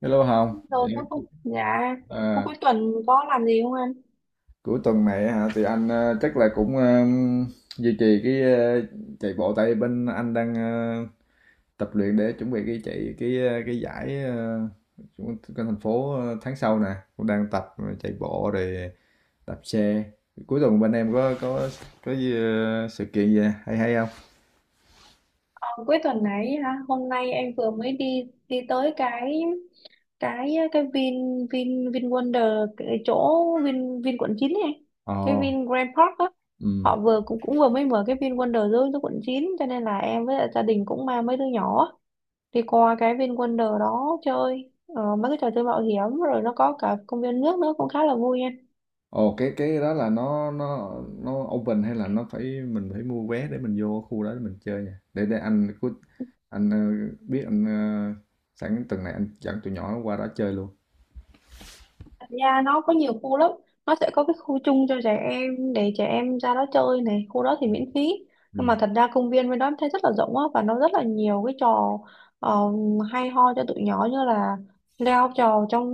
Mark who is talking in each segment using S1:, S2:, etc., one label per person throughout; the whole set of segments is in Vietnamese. S1: Hello Hồng,
S2: Rồi cuối
S1: Em-
S2: cùng, dạ, cuối
S1: à,
S2: cuối tuần có làm gì không anh?
S1: cuối tuần này hả? Thì anh chắc là cũng duy trì cái chạy bộ. Tại bên anh đang tập luyện để chuẩn bị cái chạy cái cái giải của thành phố tháng sau nè, cũng đang tập chạy bộ rồi đạp xe. Cuối tuần bên em có có gì, sự kiện gì hay hay không?
S2: Ờ, cuối tuần này hả? Hôm nay em vừa mới đi đi tới cái Vin Vin Vin Wonder cái chỗ Vin Vin quận 9 này,
S1: Ồ,
S2: cái Vin Grand Park á.
S1: ừ.
S2: Họ vừa cũng cũng vừa mới mở cái Vin Wonder dưới dưới quận 9, cho nên là em với lại gia đình cũng mang mấy đứa nhỏ á, đi qua cái Vin Wonder đó chơi mấy cái trò chơi mạo hiểm rồi nó có cả công viên nước nữa cũng khá là vui.
S1: Ồ, cái đó là nó open hay là nó phải mình phải mua vé để mình vô khu đó để mình chơi nha? Để anh cứ anh biết anh sẵn tuần này anh dẫn tụi nhỏ qua đó chơi luôn.
S2: Thật ra nó có nhiều khu lắm, nó sẽ có cái khu chung cho trẻ em để trẻ em ra đó chơi này, khu đó thì miễn phí, nhưng mà
S1: Ừ.
S2: thật ra công viên bên đó em thấy rất là rộng á, và nó rất là nhiều cái trò ờ, hay ho cho tụi nhỏ, như là leo trò trong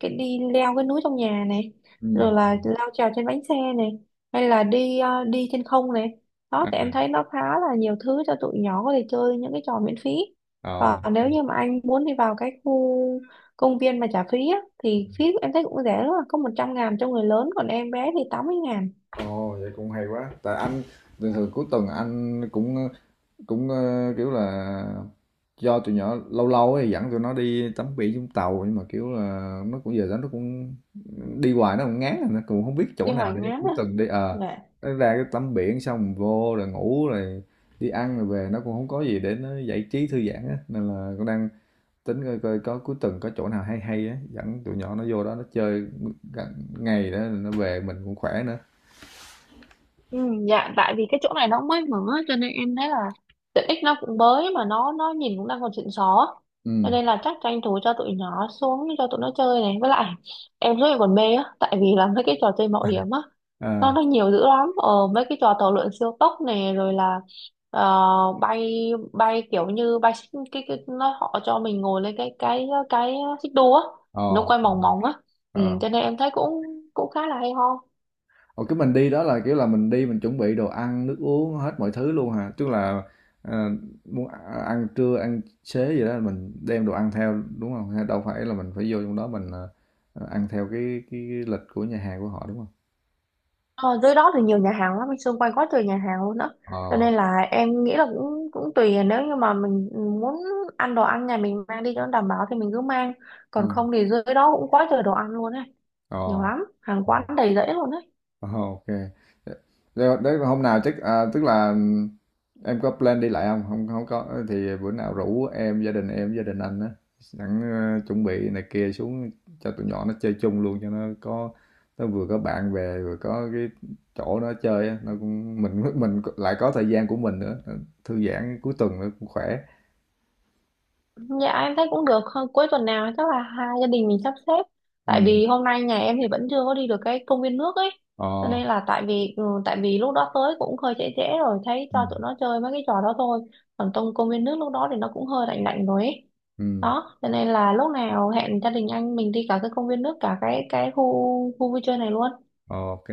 S2: cái đi leo cái núi trong nhà này,
S1: Ừ.
S2: rồi là leo trèo trên bánh xe này, hay là đi đi trên không này. Đó
S1: À.
S2: thì em thấy nó khá là nhiều thứ cho tụi nhỏ có thể chơi những cái trò miễn phí.
S1: Ờ.
S2: Và nếu như mà anh muốn đi vào cái khu công viên mà trả phí á, thì phí em thấy cũng rẻ lắm à, có 100.000 cho người lớn, còn em bé thì 80.000.
S1: Ồ, vậy cũng hay quá. Tại anh thường thường cuối tuần anh cũng cũng kiểu là do tụi nhỏ, lâu lâu thì dẫn tụi nó đi tắm biển Vũng Tàu, nhưng mà kiểu là nó cũng, giờ đó nó cũng đi hoài, nó cũng ngán rồi, nó cũng không biết chỗ
S2: Đi
S1: nào
S2: Hoài
S1: để
S2: Ngán
S1: cuối
S2: à.
S1: tuần đi. Ờ
S2: Dạ.
S1: nó ra cái tắm biển xong vô rồi ngủ rồi đi ăn rồi về, nó cũng không có gì để nó giải trí thư giãn á, nên là cũng đang tính coi coi có cuối tuần có chỗ nào hay hay á dẫn tụi nhỏ nó vô đó nó chơi gần ngày đó rồi nó về mình cũng khỏe nữa.
S2: Ừ, dạ tại vì cái chỗ này nó cũng mới mở, cho nên em thấy là tiện ích nó cũng mới, mà nó nhìn cũng đang còn xịn xó, cho
S1: Ừ.
S2: nên là chắc tranh thủ cho tụi nhỏ xuống cho tụi nó chơi này, với lại em rất là còn mê á, tại vì là mấy cái trò chơi mạo hiểm á, nó
S1: À.
S2: nó nhiều dữ lắm. Ờ, mấy cái trò tàu lượn siêu tốc này, rồi là ờ, bay bay kiểu như cái nó họ cho mình ngồi lên cái xích đu á, nó
S1: Ồ.
S2: quay mòng mòng á. Ừ,
S1: Ờ.
S2: cho nên em thấy cũng cũng khá là hay ho.
S1: Ồ, cái mình đi đó là, kiểu là, mình đi mình chuẩn bị đồ ăn, nước uống hết mọi thứ luôn hả? Tức là, ờ, muốn ăn trưa, ăn xế gì đó mình đem đồ ăn theo, đúng không? Hay đâu phải là mình phải vô trong đó mình, ăn theo cái lịch của nhà hàng của họ, đúng không?
S2: Ờ, dưới đó thì nhiều nhà hàng lắm, anh, xung quanh quá trời nhà hàng luôn đó. Cho
S1: Ờ,
S2: nên là em nghĩ là cũng cũng tùy, nếu như mà mình muốn ăn đồ ăn nhà mình mang đi cho nó đảm bảo thì mình cứ mang. Còn
S1: ừm,
S2: không thì dưới đó cũng quá trời đồ ăn luôn ấy, nhiều lắm, hàng quán
S1: ờ.
S2: đầy rẫy luôn ấy.
S1: Ồ, OK. Đ đấy hôm nào chắc à, tức là, em có plan đi lại không? Không hông có thì bữa nào rủ em, gia đình anh á, sẵn, ơ, chuẩn bị này kia xuống cho tụi nhỏ nó chơi chung luôn cho nó có, nó vừa có bạn bè, vừa có cái chỗ nó chơi á, nó cũng mình mình lại có thời gian của mình nữa, thư giãn cuối tuần nữa cũng khỏe.
S2: Dạ em thấy cũng được. Hơn cuối tuần nào chắc là hai gia đình mình sắp xếp. Tại
S1: Ừm,
S2: vì hôm nay nhà em thì vẫn chưa có đi được cái công viên nước ấy. Cho
S1: ờ,
S2: nên là tại vì ừ, tại vì lúc đó tới cũng hơi trễ trễ rồi, thấy
S1: ừ,
S2: cho tụi nó chơi mấy cái trò đó thôi. Còn trong công viên nước lúc đó thì nó cũng hơi lạnh lạnh rồi ấy.
S1: ừm.
S2: Đó cho nên là lúc nào hẹn gia đình anh mình đi cả cái công viên nước cả cái khu khu vui chơi này luôn,
S1: OK.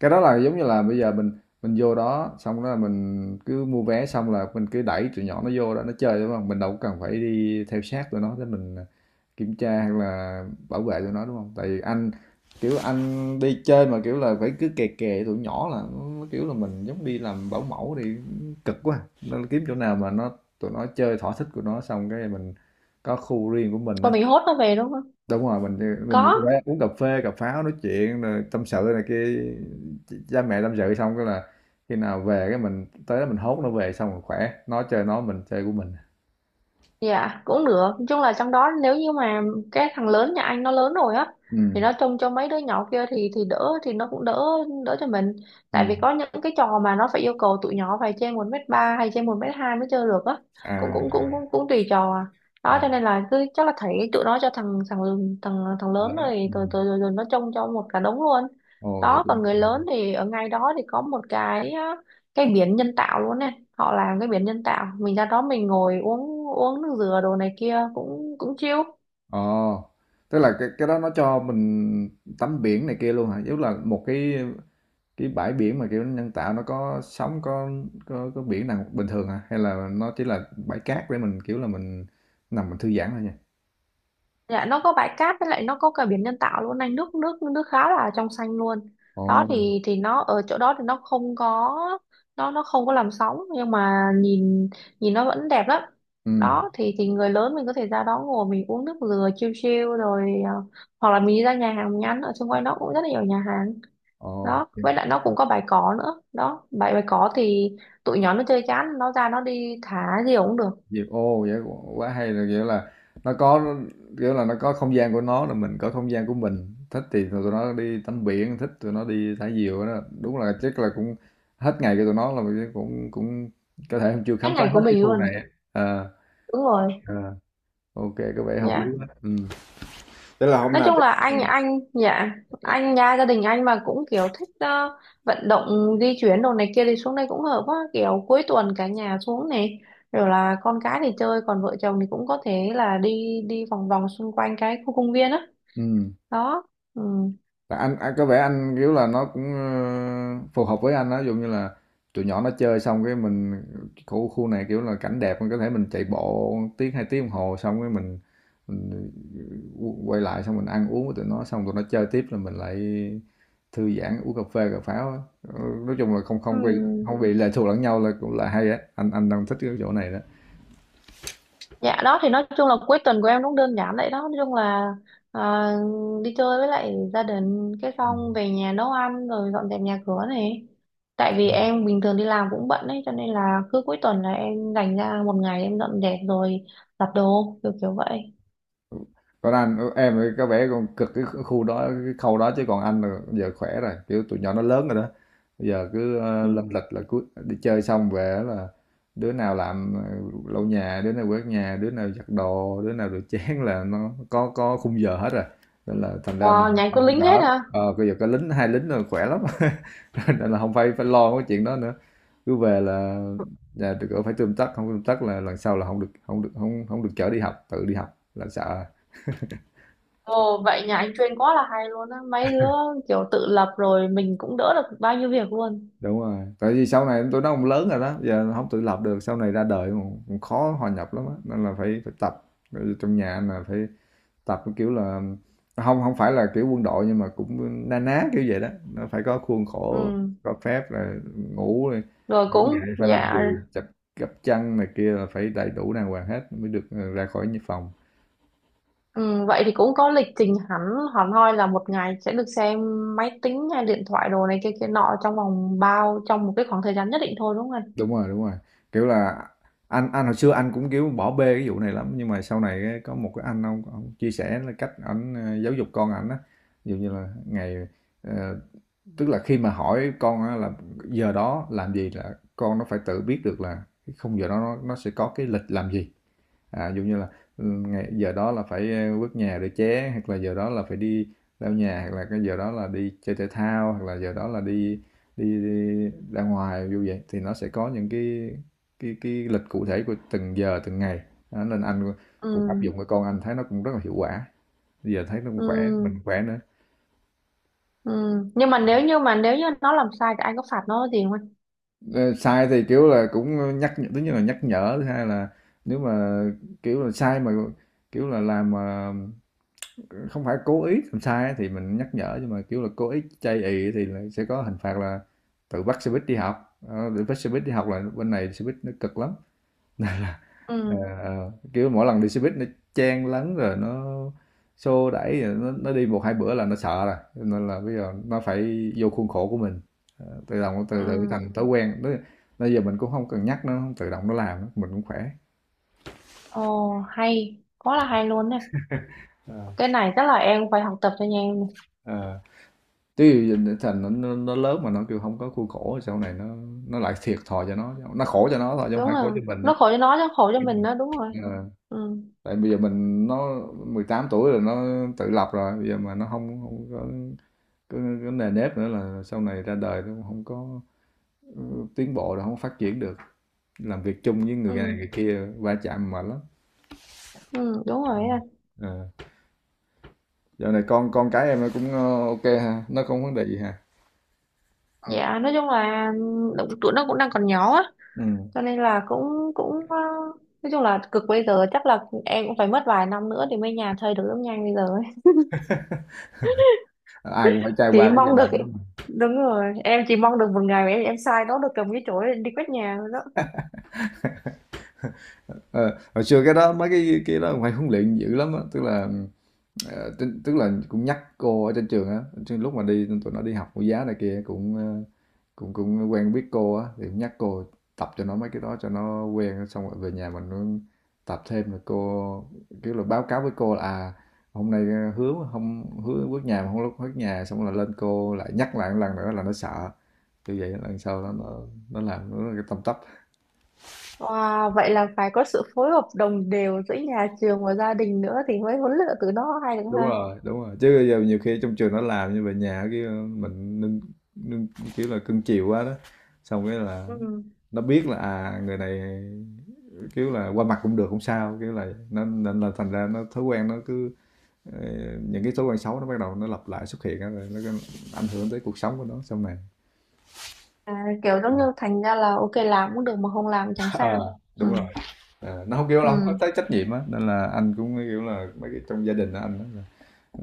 S1: Cái đó là giống như là bây giờ mình vô đó xong đó là mình cứ mua vé xong là mình cứ đẩy tụi nhỏ nó vô đó nó chơi đúng không? Mình đâu cần phải đi theo sát tụi nó để mình, à, kiểm tra hay là bảo vệ tụi nó, đúng không? Tại vì anh, kiểu, anh đi chơi mà, kiểu là, phải cứ kè kè tụi nhỏ là nó, kiểu là, mình giống đi làm bảo mẫu thì cực quá, nên kiếm chỗ nào mà tụi nó chơi thỏa thích của nó xong cái mình có khu riêng của mình á.
S2: còn mình hốt nó về đúng không?
S1: Đúng rồi, mình nhiều
S2: Có.
S1: khi uống cà phê, cà pháo nói chuyện rồi tâm sự này kia, cha mẹ tâm sự xong cái là khi nào về cái mình tới đó mình hốt nó về xong rồi khỏe, nó chơi nó, mình chơi của mình.
S2: Dạ cũng được. Nói chung là trong đó, nếu như mà cái thằng lớn nhà anh nó lớn rồi á, thì
S1: Ừ.
S2: nó trông cho mấy đứa nhỏ kia thì đỡ thì nó cũng đỡ, đỡ cho mình.
S1: Ừ.
S2: Tại vì có những cái trò mà nó phải yêu cầu tụi nhỏ phải trên 1,3 mét hay trên 1,2 mét mới chơi được á, cũng
S1: À.
S2: cũng cũng cũng cũng tùy trò à. Đó
S1: À.
S2: cho nên là cứ chắc là thấy tụi nó, cho thằng thằng thằng thằng lớn
S1: Đấy.
S2: rồi rồi
S1: Ừm.
S2: rồi, rồi, rồi nó trông cho một cả đống luôn.
S1: Ồ, vậy
S2: Đó
S1: cũng.
S2: còn người lớn thì ở ngay đó thì có một cái á, cái biển nhân tạo luôn nè, họ làm cái biển nhân tạo, mình ra đó mình ngồi uống uống nước dừa đồ này kia cũng cũng chill.
S1: Ồ, tức là cái đó nó cho mình tắm biển này kia luôn hả? Giống là một cái bãi biển mà kiểu nhân tạo, nó có sóng có, có biển nào bình thường hả? Hay là nó chỉ là bãi cát để mình kiểu là mình nằm mình thư giãn thôi nha?
S2: Dạ nó có bãi cát, với lại nó có cả biển nhân tạo luôn anh, nước nước nước khá là trong xanh luôn.
S1: Ồ.
S2: Đó thì nó ở chỗ đó thì nó không có, nó không có làm sóng, nhưng mà nhìn nhìn nó vẫn đẹp lắm.
S1: Ừm,
S2: Đó thì người lớn mình có thể ra đó ngồi mình uống nước dừa chill chill, rồi à, hoặc là mình đi ra nhà hàng mình ăn ở xung quanh đó cũng rất là nhiều nhà hàng.
S1: ồ,
S2: Đó
S1: dịp
S2: với lại nó cũng có bài có nữa, đó bài bài có thì tụi nhỏ nó chơi chán nó ra nó đi thả gì cũng được.
S1: dịp ô, vậy quá quá hay, là, kiểu là, nó có, kiểu là, nó có không gian của nó rồi mình có không gian của mình, thích thì tụi nó đi tắm biển, thích tụi nó đi thả diều đó. Đúng là chắc là cũng hết ngày của tụi nó là mình cũng cũng có thể chưa khám
S2: Cái
S1: phá
S2: ngành
S1: hết
S2: của
S1: cái
S2: mình
S1: khu này
S2: luôn.
S1: à. Ờ,
S2: Đúng rồi.
S1: ờ, ô kê, có vẻ hợp lý
S2: Dạ
S1: quá. Ừm. Thế là hôm
S2: nói
S1: nào
S2: chung
S1: chắc
S2: là anh
S1: ừm.
S2: anh dạ, anh nha, gia đình anh mà cũng kiểu thích vận động di chuyển đồ này kia thì xuống đây cũng hợp quá, kiểu cuối tuần cả nhà xuống này, rồi là con cái thì chơi, còn vợ chồng thì cũng có thể là đi đi vòng vòng xung quanh cái khu công viên á
S1: Ừm.
S2: đó, đó. Ừ.
S1: Là anh có vẻ anh kiểu là nó cũng phù hợp với anh đó, ví dụ như là tụi nhỏ nó chơi xong cái mình khu khu này kiểu là cảnh đẹp mình có thể mình chạy bộ tiếng hai tiếng đồng hồ xong cái mình quay lại xong mình ăn uống với tụi nó xong tụi nó chơi tiếp là mình lại thư giãn uống cà phê cà pháo á. Ờ, nói chung là không
S2: Ừ.
S1: không bị, không bị lệ thuộc lẫn nhau là cũng là hay á, anh đang thích cái chỗ này đó.
S2: Dạ đó thì nói chung là cuối tuần của em cũng đơn giản vậy đó. Nói chung là à, đi chơi với lại gia đình. Cái xong về nhà nấu ăn rồi dọn dẹp nhà cửa này. Tại vì em bình thường đi làm cũng bận ấy, cho nên là cứ cuối tuần là em dành ra một ngày em dọn dẹp rồi giặt đồ kiểu kiểu vậy.
S1: Còn anh em thì có vẻ còn cực cái khu đó cái khâu đó, chứ còn anh là giờ khỏe rồi, kiểu tụi nhỏ nó lớn rồi đó, bây giờ cứ lâm
S2: Ừ.
S1: lịch là cứ đi chơi xong về là đứa nào làm lau nhà, đứa nào quét nhà, đứa nào giặt đồ, đứa nào rửa chén, là nó có khung giờ hết rồi, nên là thành ra
S2: Wow,
S1: mình
S2: nhà anh
S1: anh
S2: có
S1: cũng
S2: lính hết
S1: đỡ.
S2: hả?
S1: Ờ bây giờ có lính, hai lính rồi khỏe lắm. Nên là không phải phải lo cái chuyện đó nữa, cứ về là nhà được ở phải tươm tất, không tươm tất là lần sau là không được, không được không không, được chở đi học, tự đi học là sợ.
S2: Ồ vậy nhà anh chuyên quá là hay luôn á. Mấy đứa kiểu tự lập rồi mình cũng đỡ được bao nhiêu việc luôn.
S1: Đúng rồi, tại vì sau này tụi nó cũng lớn rồi đó, giờ không tự lập được, sau này ra đời cũng cũng khó hòa nhập lắm á, nên là phải phải tập, trong nhà là phải tập, cái kiểu là, không không phải là kiểu quân đội nhưng mà cũng na ná, kiểu vậy đó. Nó phải có khuôn khổ,
S2: Ừ,
S1: có phép, là ngủ này,
S2: rồi, cũng,
S1: phải làm gì,
S2: dạ.
S1: chập gấp chăn này kia là phải đầy đủ đàng hoàng hết mới được, ra khỏi phòng.
S2: Ừ, vậy thì cũng có lịch trình hẳn hẳn hoi là một ngày sẽ được xem máy tính hay điện thoại đồ này kia kia nọ trong vòng bao trong một cái khoảng thời gian nhất định thôi đúng không anh?
S1: Đúng rồi, đúng rồi. Kiểu là anh hồi xưa anh cũng, kiểu, bỏ bê cái vụ này lắm, nhưng mà sau này á có một cái anh ông ổng chia sẻ là cách ảnh, giáo dục con ảnh á. Ví dụ như là ngày ờ, tức là khi mà hỏi con á là giờ đó làm gì là con nó phải tự biết được là cái khung giờ đó nó sẽ có cái lịch làm gì. À dụ như là ừ, giờ đó là phải quét nhà để ché, hoặc là giờ đó là phải đi lau nhà, hoặc là cái giờ đó là đi chơi thể thao, hoặc là giờ đó là đi đi ra ngoài. Như vậy thì nó sẽ có những cái lịch cụ thể của từng giờ từng ngày. Đó, nên anh cũng áp
S2: Ừ,
S1: dụng cho con, anh thấy nó cũng rất là hiệu quả, bây giờ thấy nó cũng
S2: ừ,
S1: khỏe, mình khỏe nữa.
S2: ừ. Nhưng mà nếu như nó làm sai thì anh có phạt nó gì không anh?
S1: Ờ, sai thì kiểu là cũng nhắc nhở, thứ nhất là nhắc nhở, thứ hai là nếu mà kiểu là sai mà kiểu là làm mà không phải cố ý làm sai á thì mình nhắc nhở, nhưng mà kiểu là cố ý chây ì thì là sẽ có hình phạt là tự bắt xe buýt đi học. Ờ, tự bắt xe buýt đi học là bên này xe buýt nó cực lắm. Ờ,
S2: Ừ,
S1: ờ. Kiểu mỗi lần đi xe buýt nó chen lấn rồi nó xô đẩy rồi nó đi một hai bữa là nó sợ rồi. Cho nên là bây giờ nó phải vô khuôn khổ của mình. Ờ, tự động từ từ
S2: ừ.
S1: thành thói quen, nó bây giờ mình cũng không cần nhắc, nó tự động nó làm á, mình cũng khỏe.
S2: Ồ, hay, quá là hay luôn nè.
S1: Ờ,
S2: Cái này chắc là em phải học tập cho nhà em này.
S1: ờ. Thành nó lớn mà nó kêu không có khuôn khổ, sau này nó lại thiệt thòi cho nó khổ cho nó thôi chứ không
S2: Đúng
S1: phải khổ
S2: là
S1: cho mình nữa.
S2: nó khổ cho nó chứ khổ cho mình đó đúng rồi.
S1: Ờ,
S2: Ừ,
S1: tại bây giờ mình nó 18 tuổi rồi, nó tự lập rồi, bây giờ mà nó không không có cái nề nếp nữa là sau này ra đời nó không có tiến bộ đâu, không phát triển được, làm việc chung với người này người
S2: ừ,
S1: kia va chạm mệt lắm.
S2: ừ, đúng rồi anh.
S1: À. Dạo này con cái em nó cũng ok ha, nó không vấn đề gì ha?
S2: Dạ, nói chung là ừ, tụi nó cũng đang còn nhỏ á,
S1: Ừ.
S2: cho nên là cũng cũng nói chung là cực, bây giờ chắc là em cũng phải mất vài năm nữa thì mới nhà chơi được giống nhanh bây giờ ấy.
S1: Ai cũng phải trải
S2: Chỉ
S1: qua cái giai
S2: mong được,
S1: đoạn đó mà.
S2: đúng rồi, em chỉ mong được một ngày mà em sai nó được cầm cái chổi lên đi quét nhà thôi đó.
S1: Ờ, hồi xưa cái đó mấy cái đó cũng phải huấn luyện dữ lắm á, tức là, ờ, tức là cũng nhắc cô ở trên trường á, lúc mà đi tụi nó đi học mẫu giáo này kia cũng cũng cũng quen biết cô á thì cũng nhắc cô tập cho nó mấy cái đó cho nó quen, xong rồi về nhà mình cũng tập thêm, rồi cô kiểu là báo cáo với cô là à hôm nay hứa không hứa bước nhà mà không, lúc bước nhà xong là lên cô lại nhắc lại một lần nữa là nó sợ. Như vậy lần sau nó làm nó tâm tấp.
S2: Wow vậy là phải có sự phối hợp đồng đều giữa nhà trường và gia đình nữa thì mới huấn luyện từ nó hay được
S1: Đúng
S2: ha.
S1: rồi, đúng rồi. Chứ bây giờ nhiều khi trong trường nó làm, như về nhà cái mình nên kiểu là cưng chiều quá đó, xong cái là
S2: Ừ.
S1: nó biết là à người này kiểu là qua mặt cũng được không sao, kiểu là nó, nên là thành ra nó thói quen nó cứ ờ, những cái thói quen xấu nó bắt đầu nó lặp lại xuất hiện á, rồi nó cứ ảnh hưởng tới cuộc sống của nó sau này.
S2: À, kiểu giống như thành ra là ok làm cũng được mà không làm chẳng
S1: Ờ,
S2: sao. Ừ.
S1: đúng rồi. Ờ, nó không kiểu là không có
S2: Ừ.
S1: tới trách nhiệm á, nên là anh cũng kiểu là mấy cái trong gia đình á, anh đó,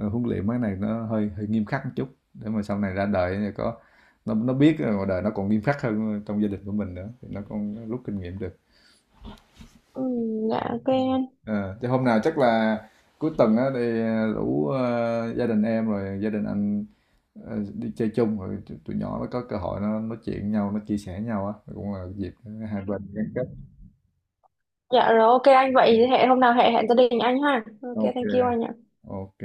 S1: Huấn luyện mấy này nó hơi hơi nghiêm khắc một chút để mà sau này ra đời thì có, nó biết là ngoài đời nó còn nghiêm khắc hơn trong gia đình của mình nữa thì nó còn rút kinh nghiệm được.
S2: Ừ, dạ ok anh.
S1: Ờ, chứ hôm nào chắc là cuối tuần á thì rủ gia đình em rồi gia đình anh đi chơi chung, rồi tụi nhỏ nó có cơ hội nó nói chuyện nhau, nó chia sẻ nhau á, cũng là dịp hai bên gắn kết.
S2: Dạ rồi ok anh, vậy hẹn hôm nào hẹn hẹn gia đình anh ha, ok
S1: OK.
S2: thank you anh ạ.
S1: OK.